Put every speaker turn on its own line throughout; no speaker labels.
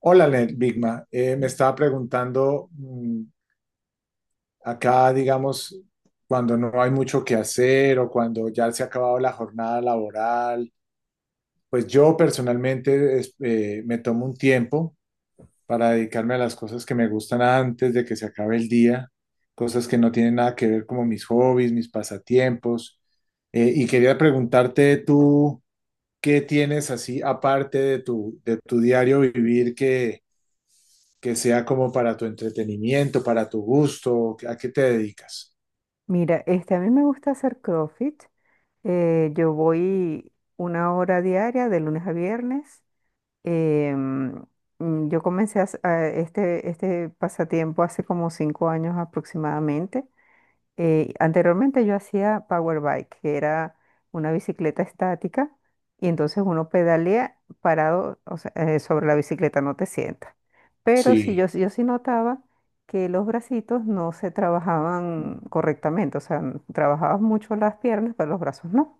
Hola, Bigma. Me estaba preguntando, acá, digamos, cuando no hay mucho que hacer o cuando ya se ha acabado la jornada laboral, pues yo personalmente me tomo un tiempo para dedicarme a las cosas que me gustan antes de que se acabe el día, cosas que no tienen nada que ver como mis hobbies, mis pasatiempos. Y quería preguntarte tú, ¿qué tienes así aparte de tu diario vivir que sea como para tu entretenimiento, para tu gusto? ¿A qué te dedicas?
Mira, a mí me gusta hacer CrossFit. Yo voy una hora diaria de lunes a viernes. Em, yo comencé a este pasatiempo hace como 5 años aproximadamente. Anteriormente yo hacía power bike, que era una bicicleta estática, y entonces uno pedalea parado, o sea, sobre la bicicleta, no te sientas. Pero sí,
Sí,
yo sí notaba que los bracitos no se trabajaban correctamente, o sea, trabajabas mucho las piernas, pero los brazos no.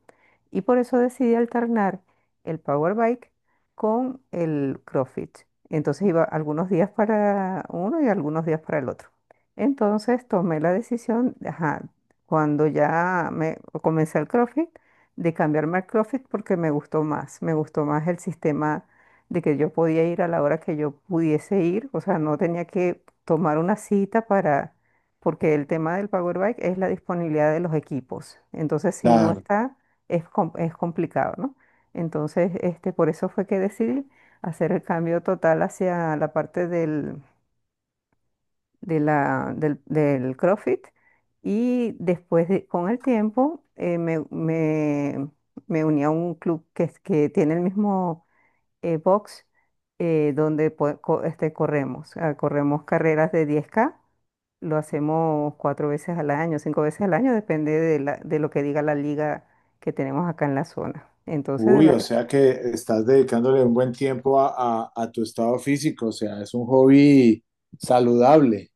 Y por eso decidí alternar el power bike con el CrossFit. Entonces iba algunos días para uno y algunos días para el otro. Entonces tomé la decisión, ajá, cuando ya me comencé el CrossFit, de cambiarme al CrossFit porque me gustó más el sistema de que yo podía ir a la hora que yo pudiese ir, o sea, no tenía que tomar una cita, para, porque el tema del Power Bike es la disponibilidad de los equipos, entonces si no
claro.
está, es complicado, ¿no? Entonces, por eso fue que decidí hacer el cambio total hacia la parte del CrossFit, y con el tiempo me uní a un club que tiene el mismo box, donde corremos carreras de 10K. Lo hacemos cuatro veces al año, cinco veces al año, depende de lo que diga la liga que tenemos acá en la zona. Entonces, de
Uy,
verdad,
o sea que estás dedicándole un buen tiempo a, a tu estado físico, o sea, es un hobby saludable.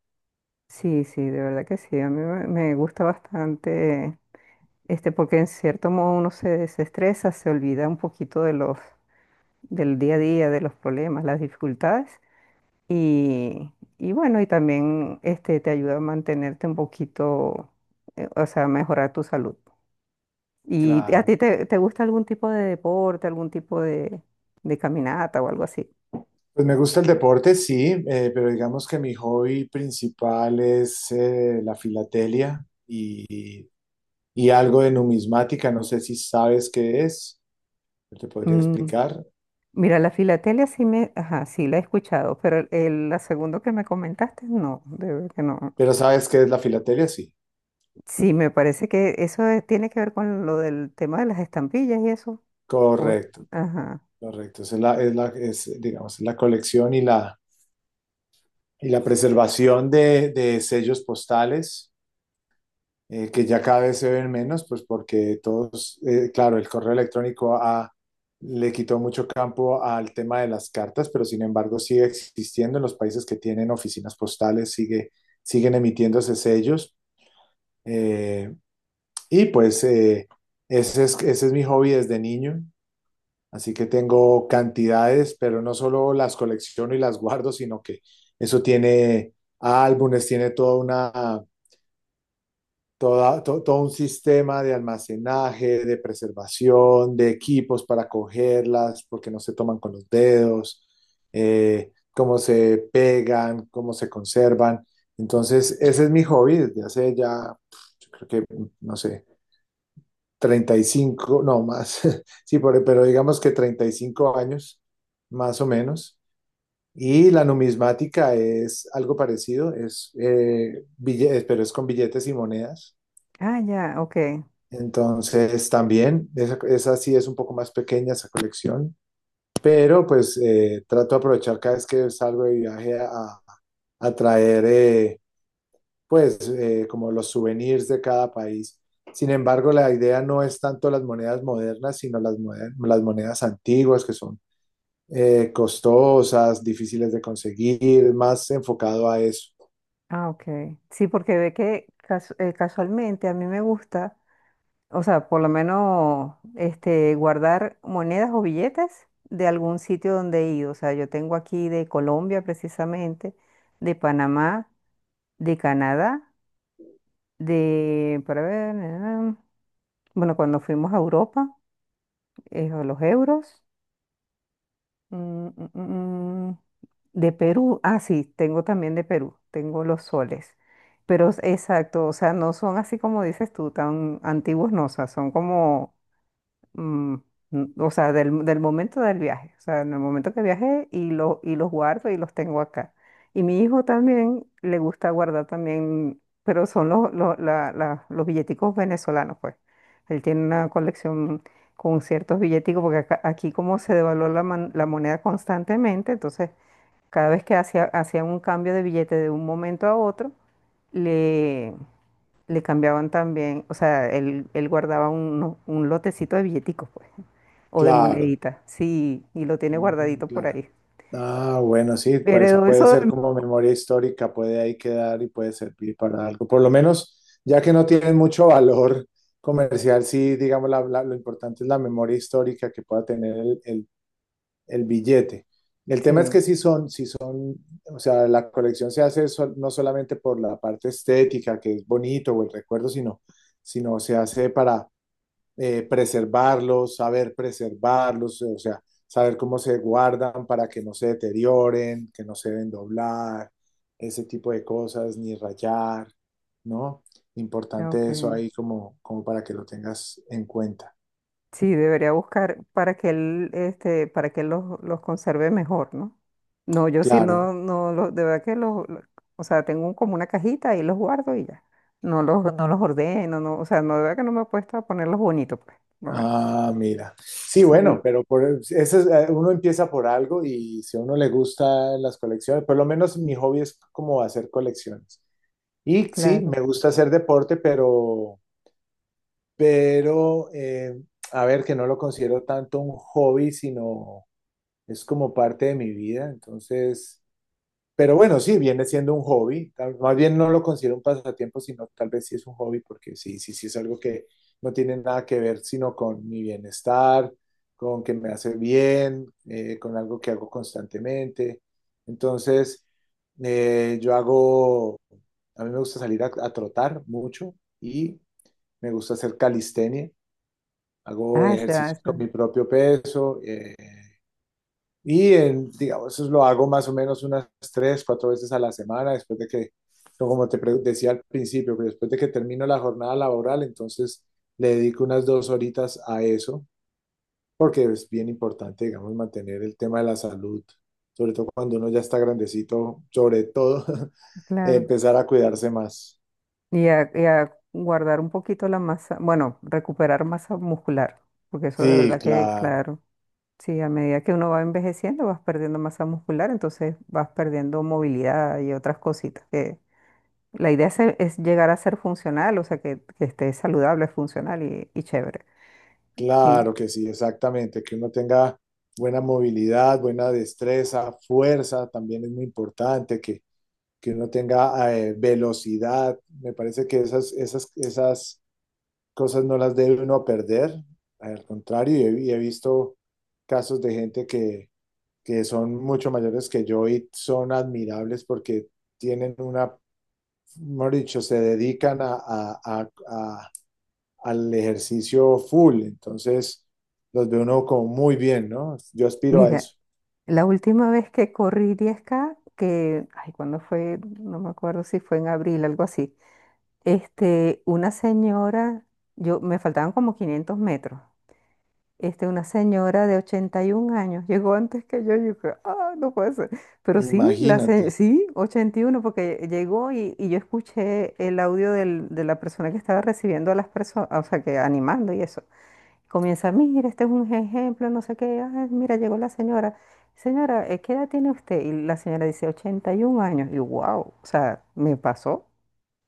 sí, sí, de verdad que sí, a mí me gusta bastante, porque en cierto modo uno se desestresa, se olvida un poquito del día a día, de los problemas, las dificultades, y, y bueno, y también te ayuda a mantenerte un poquito, o sea, a mejorar tu salud. ¿Y a ti
Claro.
te gusta algún tipo de deporte, algún tipo de caminata o algo así?
Pues me gusta el deporte, sí, pero digamos que mi hobby principal es la filatelia y algo de numismática. No sé si sabes qué es, te podría
Mm,
explicar,
Mira, la filatelia sí ajá, sí la he escuchado, pero la segunda que me comentaste, no, de verdad que no.
pero sabes qué es la filatelia, sí.
Sí, me parece que eso tiene que ver con lo del tema de las estampillas y eso. O-
Correcto.
ajá.
Correcto, es, digamos, la colección y la preservación de sellos postales, que ya cada vez se ven menos, pues porque todos, claro, el correo electrónico le quitó mucho campo al tema de las cartas, pero sin embargo sigue existiendo en los países que tienen oficinas postales, siguen emitiéndose sellos. eh, y pues ese es mi hobby desde niño. Así que tengo cantidades, pero no solo las colecciono y las guardo, sino que eso tiene álbumes, tiene toda una, toda, to- todo un sistema de almacenaje, de preservación, de equipos para cogerlas, porque no se toman con los dedos, cómo se pegan, cómo se conservan. Entonces, ese es mi hobby desde hace ya, yo creo que, no sé, 35 no más, sí, pero digamos que 35 años, más o menos. Y la numismática es algo parecido, pero es con billetes y monedas.
Ah, ya, ok.
Entonces también, esa sí es un poco más pequeña esa colección, pero pues trato de aprovechar cada vez que salgo de viaje a, traer pues como los souvenirs de cada país. Sin embargo, la idea no es tanto las monedas modernas, sino las monedas antiguas, que son costosas, difíciles de conseguir, más enfocado a eso.
Ah, ok. Sí, porque ve que casualmente a mí me gusta, o sea, por lo menos guardar monedas o billetes de algún sitio donde he ido. O sea, yo tengo aquí de Colombia precisamente, de Panamá, de Canadá, de, para ver, eh, bueno, cuando fuimos a Europa, los euros. Mm, mm, mm, mm. De Perú, ah, sí, tengo también de Perú, tengo los soles. Pero exacto, o sea, no son así como dices tú, tan antiguos, no, o sea, son como, mm, o sea, del momento del viaje, o sea, en el momento que viajé y los guardo y los tengo acá. Y mi hijo también le gusta guardar también, pero son los billeticos venezolanos, pues. Él tiene una colección con ciertos billeticos, porque aquí como se devaluó la moneda constantemente, entonces cada vez que hacía un cambio de billete de un momento a otro, le, le cambiaban también, o sea, él guardaba un lotecito de billeticos, pues, o de
Claro,
monedita. Sí, y lo tiene
mm,
guardadito por
claro.
ahí.
Ah, bueno, sí, para eso
Heredó
puede
eso
ser
de.
como memoria histórica, puede ahí quedar y puede servir para algo. Por lo menos, ya que no tienen mucho valor comercial, sí, digamos, lo importante es la memoria histórica que pueda tener el, el billete. El tema es
Sí,
que sí son, o sea, la colección se hace no solamente por la parte estética, que es bonito o el recuerdo, sino, se hace para preservarlos, saber preservarlos, o sea, saber cómo se guardan para que no se deterioren, que no se deben doblar, ese tipo de cosas, ni rayar, ¿no?
ok.
Importante eso ahí como para que lo tengas en cuenta.
Sí, debería buscar para que él los conserve mejor, ¿no? No, yo sí
Claro.
no, no, los, de verdad que o sea, tengo como una cajita y los guardo y ya. No los ordeno, no, o sea, no, de verdad que no me he puesto a ponerlos bonitos, pues. No me-
Ah, mira. Sí, bueno,
Sí,
pero uno empieza por algo, y si a uno le gusta las colecciones, por lo menos mi hobby es como hacer colecciones. Y sí, me
claro.
gusta hacer deporte, pero, pero eh, a ver, que no lo considero tanto un hobby, sino es como parte de mi vida. Entonces, pero bueno, sí, viene siendo un hobby. Más bien no lo considero un pasatiempo, sino tal vez sí es un hobby, porque sí es algo que no tiene nada que ver sino con mi bienestar, con que me hace bien, con algo que hago constantemente. Entonces, eh, yo hago, a mí me gusta salir a, trotar mucho, y me gusta hacer calistenia. Hago
Ah, ya,
ejercicios con
ya,
mi propio peso. Y en, digamos, eso lo hago más o menos unas tres, cuatro veces a la semana, después de que, no, como te decía al principio, que después de que termino la jornada laboral, entonces le dedico unas 2 horitas a eso, porque es bien importante, digamos, mantener el tema de la salud, sobre todo cuando uno ya está grandecito, sobre todo
claro.
empezar a cuidarse más.
Y a guardar un poquito la masa, bueno, recuperar masa muscular, porque eso de
Sí,
verdad que,
claro,
claro, sí, a medida que uno va envejeciendo vas perdiendo masa muscular, entonces vas perdiendo movilidad y otras cositas que la idea es llegar a ser funcional, o sea, que esté saludable, funcional y chévere. Y
claro que sí, exactamente, que uno tenga buena movilidad, buena destreza, fuerza. También es muy importante que uno tenga velocidad. Me parece que esas cosas no las debe uno perder. Al contrario, y he visto casos de gente que, son mucho mayores que yo y son admirables porque tienen una, mejor dicho, se dedican al ejercicio full. Entonces, los ve uno como muy bien, ¿no? Yo aspiro a
mira,
eso.
la última vez que corrí 10K, que, ay, ¿cuándo fue? No me acuerdo si fue en abril, algo así. Este, una señora, me faltaban como 500 metros. Una señora de 81 años llegó antes que yo creo, ah, no puede ser. Pero sí,
Imagínate.
sí, 81, porque llegó, y yo escuché el audio de la persona que estaba recibiendo a las personas, o sea, que animando y eso. Comienza, mira, este es un ejemplo, no sé qué, ah, mira, llegó la señora. Señora, ¿qué edad tiene usted? Y la señora dice, 81 años. Y wow, o sea, me pasó.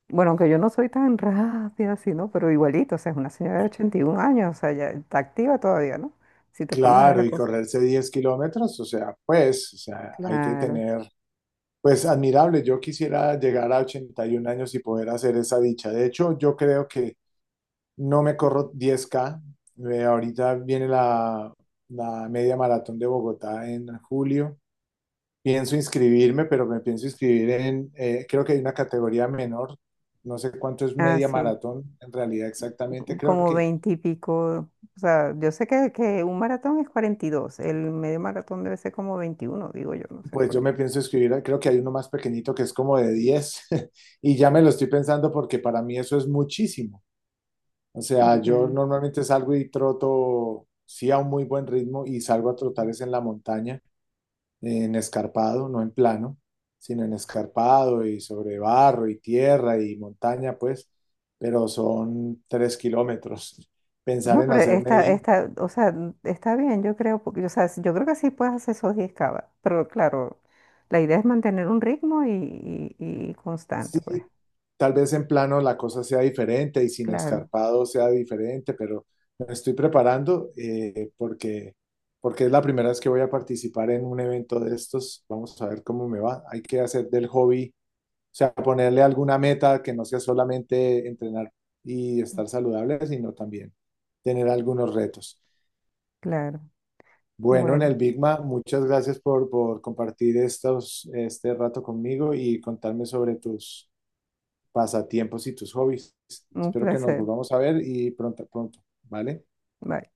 Bueno, aunque yo no soy tan rápida así, ¿no? Pero igualito, o sea, es una señora de 81 años, o sea, ya está activa todavía, ¿no? Si te pones a ver
Claro,
la
y
cosa.
correrse 10 kilómetros, o sea, pues, o sea, hay que
Claro.
tener. Pues admirable, yo quisiera llegar a 81 años y poder hacer esa dicha. De hecho, yo creo que no me corro 10K. Ahorita viene la, media maratón de Bogotá en julio. Pienso inscribirme, pero me pienso inscribir en, creo que hay una categoría menor. No sé cuánto es
Ah,
media
sí.
maratón en realidad exactamente. Creo
Como
que,
20 y pico. O sea, yo sé que un maratón es 42, el medio maratón debe ser como 21, digo yo, no sé,
pues
por
yo
ahí.
me pienso inscribir, creo que hay uno más pequeñito que es como de 10 y ya me lo estoy pensando porque para mí eso es muchísimo. O sea, yo
Ya.
normalmente salgo y troto, sí, a un muy buen ritmo, y salgo a trotar es en la montaña, en escarpado, no en plano, sino en escarpado y sobre barro y tierra y montaña, pues, pero son 3 kilómetros. Pensar
No,
en
pero
hacerme,
o sea, está bien, yo creo, porque, o sea, yo creo que sí puedes hacer esos 10 cava, pero claro, la idea es mantener un ritmo y
sí,
constante, pues,
tal vez en plano la cosa sea diferente y sin
claro.
escarpado sea diferente, pero me estoy preparando porque, es la primera vez que voy a participar en un evento de estos. Vamos a ver cómo me va. Hay que hacer del hobby, o sea, ponerle alguna meta que no sea solamente entrenar y estar saludable, sino también tener algunos retos.
Claro.
Bueno, en
Bueno,
el Bigma, muchas gracias por, compartir este rato conmigo y contarme sobre tus pasatiempos y tus hobbies.
un
Espero que nos
placer.
volvamos a ver, y pronto, pronto, ¿vale?
Bye.